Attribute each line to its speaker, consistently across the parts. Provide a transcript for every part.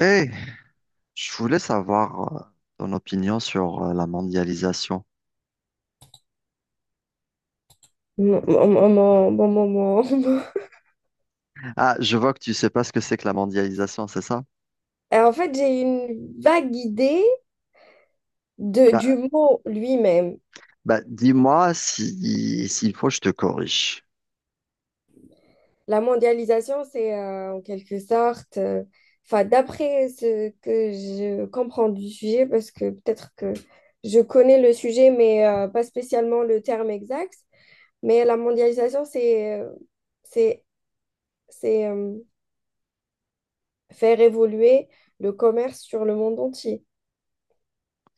Speaker 1: Eh, je voulais savoir ton opinion sur la mondialisation.
Speaker 2: Maman, maman, bon moment.
Speaker 1: Ah, je vois que tu sais pas ce que c'est que la mondialisation, c'est ça?
Speaker 2: J'ai une vague idée
Speaker 1: Bah,
Speaker 2: du mot lui-même.
Speaker 1: bah, dis-moi si, s'il faut, je te corrige.
Speaker 2: La mondialisation, c'est en quelque sorte, enfin, d'après ce que je comprends du sujet, parce que peut-être que je connais le sujet, mais pas spécialement le terme exact. Mais la mondialisation, c'est, c'est faire évoluer le commerce sur le monde entier.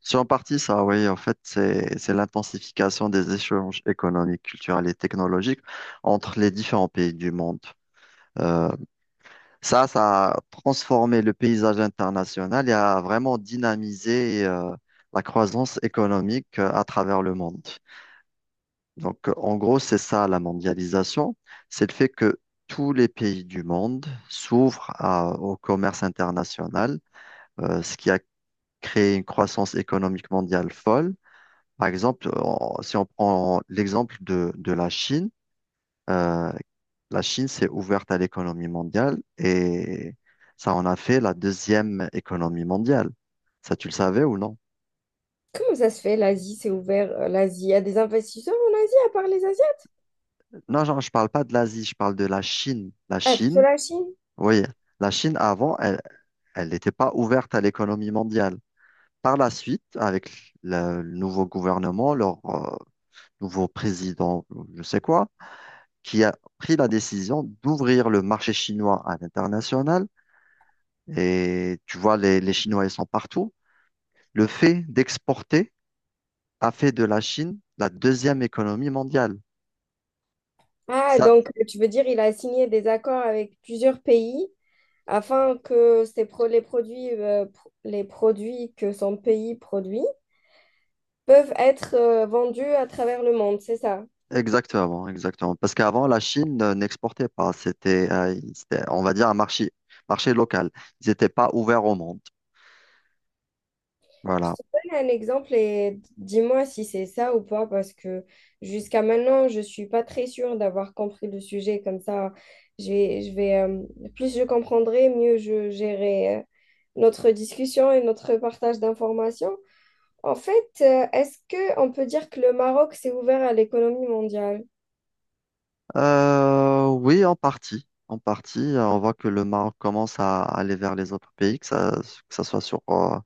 Speaker 1: C'est en partie ça, oui. En fait, c'est l'intensification des échanges économiques, culturels et technologiques entre les différents pays du monde. Euh, ça a transformé le paysage international et a vraiment dynamisé la croissance économique à travers le monde. Donc, en gros, c'est ça la mondialisation, c'est le fait que tous les pays du monde s'ouvrent au commerce international, ce qui a créé une croissance économique mondiale folle. Par exemple, si on prend l'exemple de euh, la Chine s'est ouverte à l'économie mondiale et ça en a fait la deuxième économie mondiale. Ça, tu le savais ou non?
Speaker 2: Comment ça se fait, l'Asie s'est ouvert, l'Asie? Il y a des investisseurs en Asie à part les Asiens?
Speaker 1: Non, genre, je parle pas de l'Asie, je parle de la Chine. La
Speaker 2: Ah, plutôt
Speaker 1: Chine,
Speaker 2: la Chine.
Speaker 1: oui. La Chine, avant, elle n'était pas ouverte à l'économie mondiale. Par la suite, avec le nouveau gouvernement, leur nouveau président, je sais quoi, qui a pris la décision d'ouvrir le marché chinois à l'international. Et tu vois, les Chinois, ils sont partout. Le fait d'exporter a fait de la Chine la deuxième économie mondiale.
Speaker 2: Ah,
Speaker 1: Ça,
Speaker 2: donc tu veux dire il a signé des accords avec plusieurs pays afin que ces les produits, les produits que son pays produit peuvent être vendus à travers le monde, c'est ça?
Speaker 1: exactement, exactement. Parce qu'avant, la Chine n'exportait pas. C'était, on va dire, un marché local. Ils n'étaient pas ouverts au monde.
Speaker 2: Je
Speaker 1: Voilà.
Speaker 2: te donne un exemple et dis-moi si c'est ça ou pas, parce que jusqu'à maintenant, je suis pas très sûre d'avoir compris le sujet. Comme ça, je vais, plus je comprendrai, mieux je gérerai notre discussion et notre partage d'informations. En fait, est-ce que on peut dire que le Maroc s'est ouvert à l'économie mondiale?
Speaker 1: Oui, en partie. En partie, on voit que le Maroc commence à aller vers les autres pays, que ça soit sur, euh,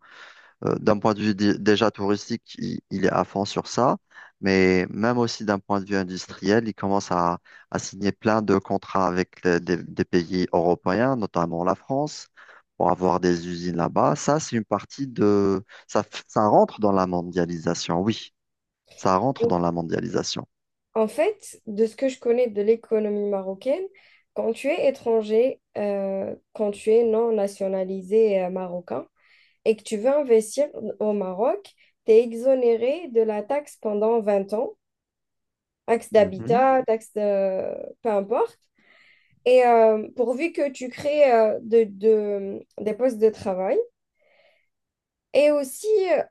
Speaker 1: euh, d'un point de vue déjà touristique, il est à fond sur ça, mais même aussi d'un point de vue industriel, il commence à signer plein de contrats avec des pays européens, notamment la France, pour avoir des usines là-bas. Ça, c'est une partie ça rentre dans la mondialisation, oui, ça rentre
Speaker 2: Ou-
Speaker 1: dans la mondialisation.
Speaker 2: En fait, de ce que je connais de l'économie marocaine, quand tu es étranger, quand tu es non nationalisé marocain, et que tu veux investir au Maroc, tu es exonéré de la taxe pendant 20 ans, taxe
Speaker 1: Mhm.
Speaker 2: d'habitat, taxe de... peu importe. Et pourvu que tu crées des postes de travail. Et aussi, euh,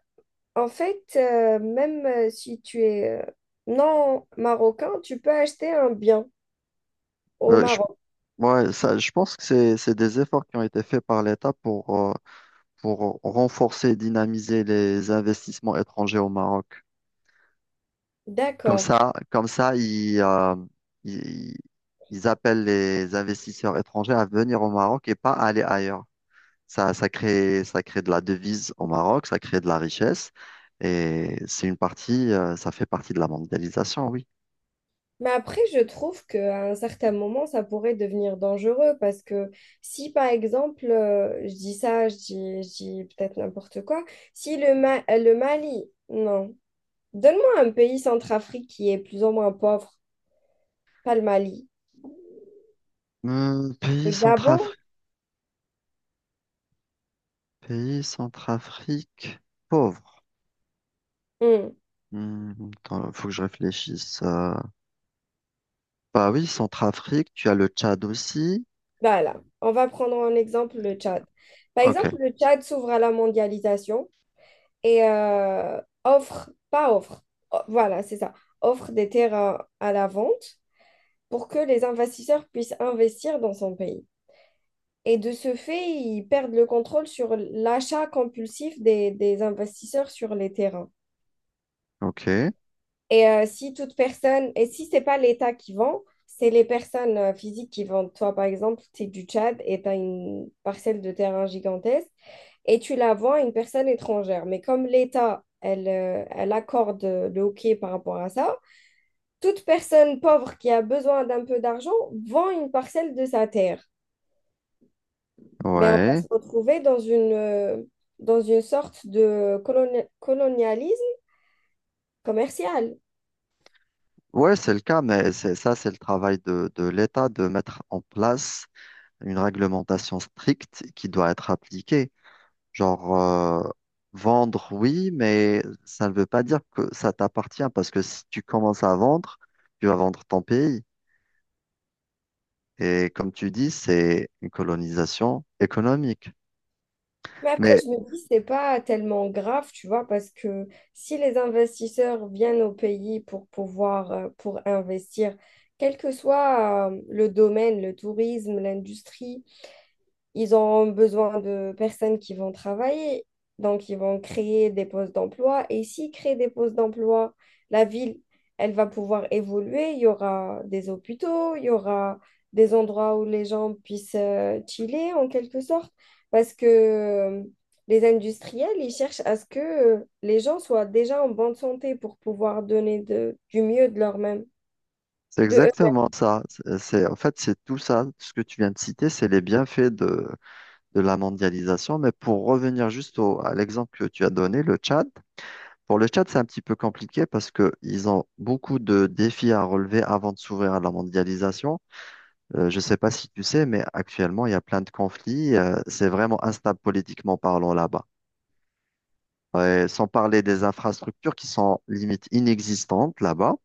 Speaker 2: en fait, même si tu es non marocain, tu peux acheter un bien au
Speaker 1: Je
Speaker 2: Maroc.
Speaker 1: Ouais, ça, je pense que c'est des efforts qui ont été faits par l'État pour renforcer et dynamiser les investissements étrangers au Maroc. Comme
Speaker 2: D'accord.
Speaker 1: ça, comme ça, ils, ils appellent les investisseurs étrangers à venir au Maroc et pas à aller ailleurs. Ça crée de la devise au Maroc, ça crée de la richesse et c'est ça fait partie de la mondialisation, oui.
Speaker 2: Mais après, je trouve qu'à un certain moment, ça pourrait devenir dangereux parce que si, par exemple, je dis ça, je dis peut-être n'importe quoi, si le Mali, non, donne-moi un pays centrafrique qui est plus ou moins pauvre, pas le Mali,
Speaker 1: Hum,
Speaker 2: le
Speaker 1: pays
Speaker 2: Gabon,
Speaker 1: centrafricain, pays centrafrique pauvre.
Speaker 2: hmm,
Speaker 1: Hmm, attends, faut que je réfléchisse. Bah oui, Centrafrique, tu as le Tchad aussi.
Speaker 2: voilà, on va prendre en exemple le Tchad. Par
Speaker 1: Ok,
Speaker 2: exemple, le Tchad s'ouvre à la mondialisation et pas offre, oh, voilà, c'est ça, offre des terrains à la vente, pour que les investisseurs puissent investir dans son pays. Et de ce fait, ils perdent le contrôle sur l'achat compulsif des investisseurs sur les terrains.
Speaker 1: ok,
Speaker 2: Et si toute personne, et si c'est pas l'État qui vend, c'est les personnes physiques qui vendent. Toi, par exemple, tu es du Tchad et tu as une parcelle de terrain gigantesque et tu la vends à une personne étrangère. Mais comme l'État, elle, elle accorde le ok par rapport à ça, toute personne pauvre qui a besoin d'un peu d'argent vend une parcelle de sa terre. Mais on va
Speaker 1: ouais.
Speaker 2: se retrouver dans dans une sorte de colonialisme commercial.
Speaker 1: Ouais, c'est le cas, mais c'est ça, c'est le travail de l'État de mettre en place une réglementation stricte qui doit être appliquée. Genre, vendre, oui, mais ça ne veut pas dire que ça t'appartient, parce que si tu commences à vendre, tu vas vendre ton pays. Et comme tu dis, c'est une colonisation économique.
Speaker 2: Mais après,
Speaker 1: Mais
Speaker 2: je me dis, c'est pas tellement grave, tu vois, parce que si les investisseurs viennent au pays pour pouvoir, pour investir, quel que soit, le domaine, le tourisme, l'industrie, ils ont besoin de personnes qui vont travailler, donc ils vont créer des postes d'emploi. Et s'ils créent des postes d'emploi, la ville, elle va pouvoir évoluer. Il y aura des hôpitaux, il y aura des endroits où les gens puissent chiller en quelque sorte, parce que les industriels, ils cherchent à ce que les gens soient déjà en bonne santé pour pouvoir donner du mieux de leur-même,
Speaker 1: C'est
Speaker 2: de eux.
Speaker 1: exactement ça. En fait, c'est tout ça, ce que tu viens de citer, c'est les bienfaits de la mondialisation. Mais pour revenir juste à l'exemple que tu as donné, le Tchad, pour le Tchad, c'est un petit peu compliqué parce qu'ils ont beaucoup de défis à relever avant de s'ouvrir à la mondialisation. Je ne sais pas si tu sais, mais actuellement, il y a plein de conflits. C'est vraiment instable politiquement parlant là-bas. Ouais, sans parler des infrastructures qui sont limite inexistantes là-bas.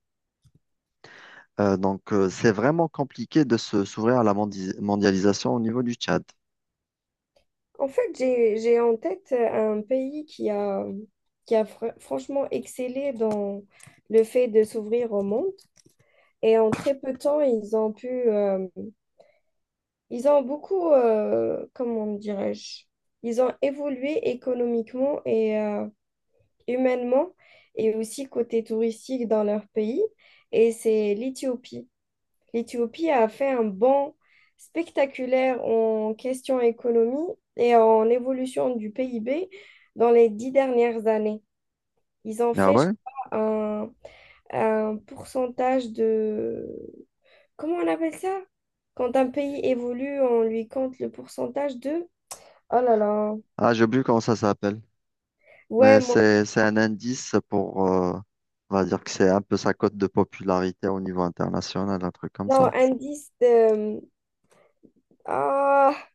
Speaker 1: Donc, c'est vraiment compliqué de se s'ouvrir à la mondialisation au niveau du Tchad.
Speaker 2: En fait, j'ai en tête un pays qui a franchement excellé dans le fait de s'ouvrir au monde. Et en très peu de temps, ils ont pu, ils ont beaucoup, comment dirais-je, ils ont évolué économiquement et humainement et aussi côté touristique dans leur pays. Et c'est l'Éthiopie. L'Éthiopie a fait un bond spectaculaire en question économie et en évolution du PIB dans les 10 dernières années. Ils ont
Speaker 1: Ah
Speaker 2: fait, je
Speaker 1: ouais?
Speaker 2: crois, un pourcentage de... Comment on appelle ça? Quand un pays évolue, on lui compte le pourcentage de... Oh là là.
Speaker 1: Ah, j'ai oublié comment ça s'appelle.
Speaker 2: Ouais,
Speaker 1: Mais
Speaker 2: moi,
Speaker 1: c'est un indice on va dire que c'est un peu sa cote de popularité au niveau international, un truc comme
Speaker 2: non,
Speaker 1: ça.
Speaker 2: indice de... Ah,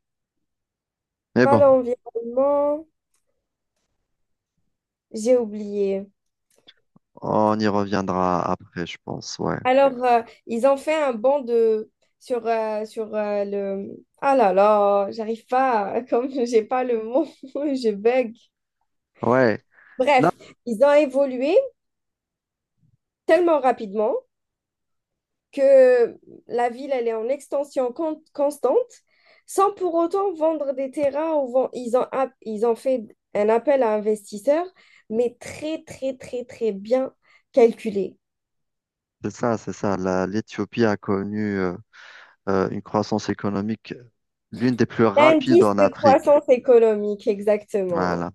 Speaker 1: Mais
Speaker 2: pas
Speaker 1: bon,
Speaker 2: l'environnement. J'ai oublié.
Speaker 1: on y reviendra après, je pense, ouais.
Speaker 2: Alors, ils ont fait un banc de sur le ah là là, j'arrive pas à- comme j'ai pas le mot, je bug.
Speaker 1: Ouais, là,
Speaker 2: Bref, ils ont évolué tellement rapidement que la ville elle est en extension constante sans pour autant vendre des terrains ou ils ont ils ont fait un appel à investisseurs mais très très très très bien calculé.
Speaker 1: c'est ça, c'est ça. L'Éthiopie a connu une croissance économique l'une des plus rapides
Speaker 2: L'indice
Speaker 1: en
Speaker 2: de
Speaker 1: Afrique.
Speaker 2: croissance économique, exactement.
Speaker 1: Voilà.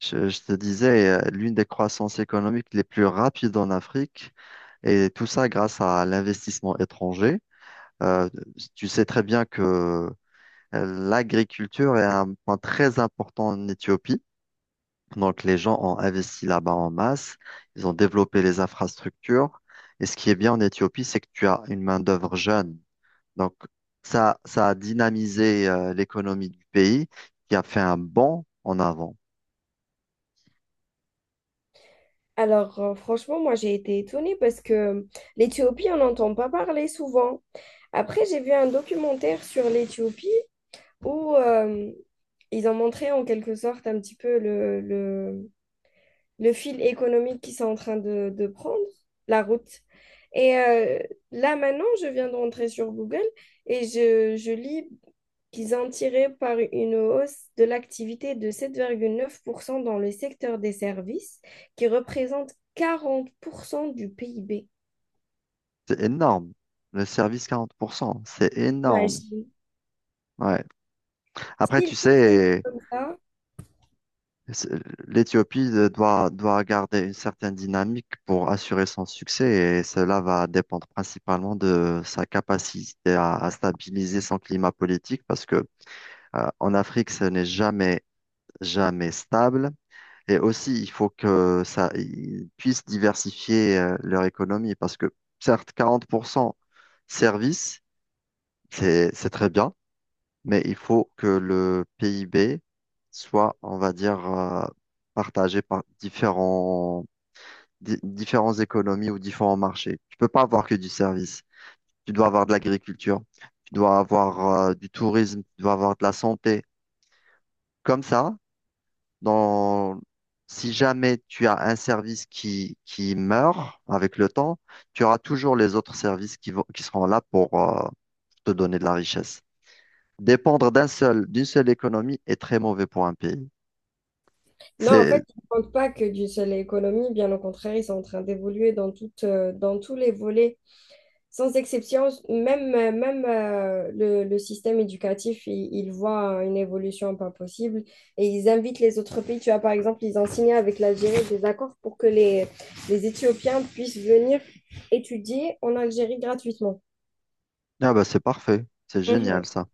Speaker 1: Je te disais, l'une des croissances économiques les plus rapides en Afrique, et tout ça grâce à l'investissement étranger. Euh, tu sais très bien que l'agriculture est un point très important en Éthiopie. Donc, les gens ont investi là-bas en masse, ils ont développé les infrastructures. Et ce qui est bien en Éthiopie, c'est que tu as une main-d'œuvre jeune. Donc, ça a dynamisé l'économie du pays qui a fait un bond en avant.
Speaker 2: Alors, franchement, moi, j'ai été étonnée parce que l'Éthiopie, on n'entend pas parler souvent. Après, j'ai vu un documentaire sur l'Éthiopie où ils ont montré en quelque sorte un petit peu le fil économique qu'ils sont en train de prendre, la route. Et là, maintenant, je viens de rentrer sur Google et je lis qu'ils ont tiré par une hausse de l'activité de 7,9% dans le secteur des services, qui représente 40% du PIB.
Speaker 1: C'est énorme. Le service 40%, c'est énorme.
Speaker 2: Imagine.
Speaker 1: Ouais. Après, tu
Speaker 2: S'ils continuent
Speaker 1: sais,
Speaker 2: comme ça,
Speaker 1: c'est- l'Éthiopie doit garder une certaine dynamique pour assurer son succès et cela va dépendre principalement de sa capacité à stabiliser son climat politique parce que, en Afrique, ce n'est jamais, jamais stable. Et aussi, il faut ils puissent diversifier, leur économie parce que, certes, 40% service, c'est très bien. Mais il faut que le PIB soit, on va dire, partagé par différentes économies ou différents marchés. Tu peux pas avoir que du service. Tu dois avoir de l'agriculture, tu dois avoir du tourisme, tu dois avoir de la santé. Comme ça, dans... si jamais tu as un service qui meurt avec le temps, tu auras toujours les autres services qui seront là pour te donner de la richesse. Dépendre d'une seule économie est très mauvais pour un pays.
Speaker 2: non, en
Speaker 1: C'est
Speaker 2: fait, ils ne comptent pas que d'une seule économie, bien au contraire, ils sont en train d'évoluer dans tous les volets. Sans exception, même, le système éducatif, il voit une évolution pas possible et ils invitent les autres pays. Tu vois, par exemple, ils ont signé avec l'Algérie des accords pour que les Éthiopiens puissent venir étudier en Algérie gratuitement.
Speaker 1: ah bah c'est parfait, c'est génial
Speaker 2: Mhm.
Speaker 1: ça,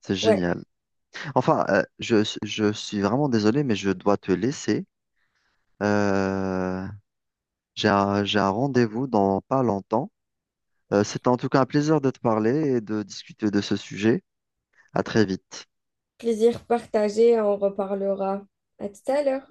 Speaker 1: c'est
Speaker 2: Ouais,
Speaker 1: génial. Enfin, je suis vraiment désolé, mais je dois te laisser. Euh, j'ai un rendez-vous dans pas longtemps. C'était en tout cas un plaisir de te parler et de discuter de ce sujet. À très vite.
Speaker 2: plaisir partagé, on reparlera. À tout à l'heure.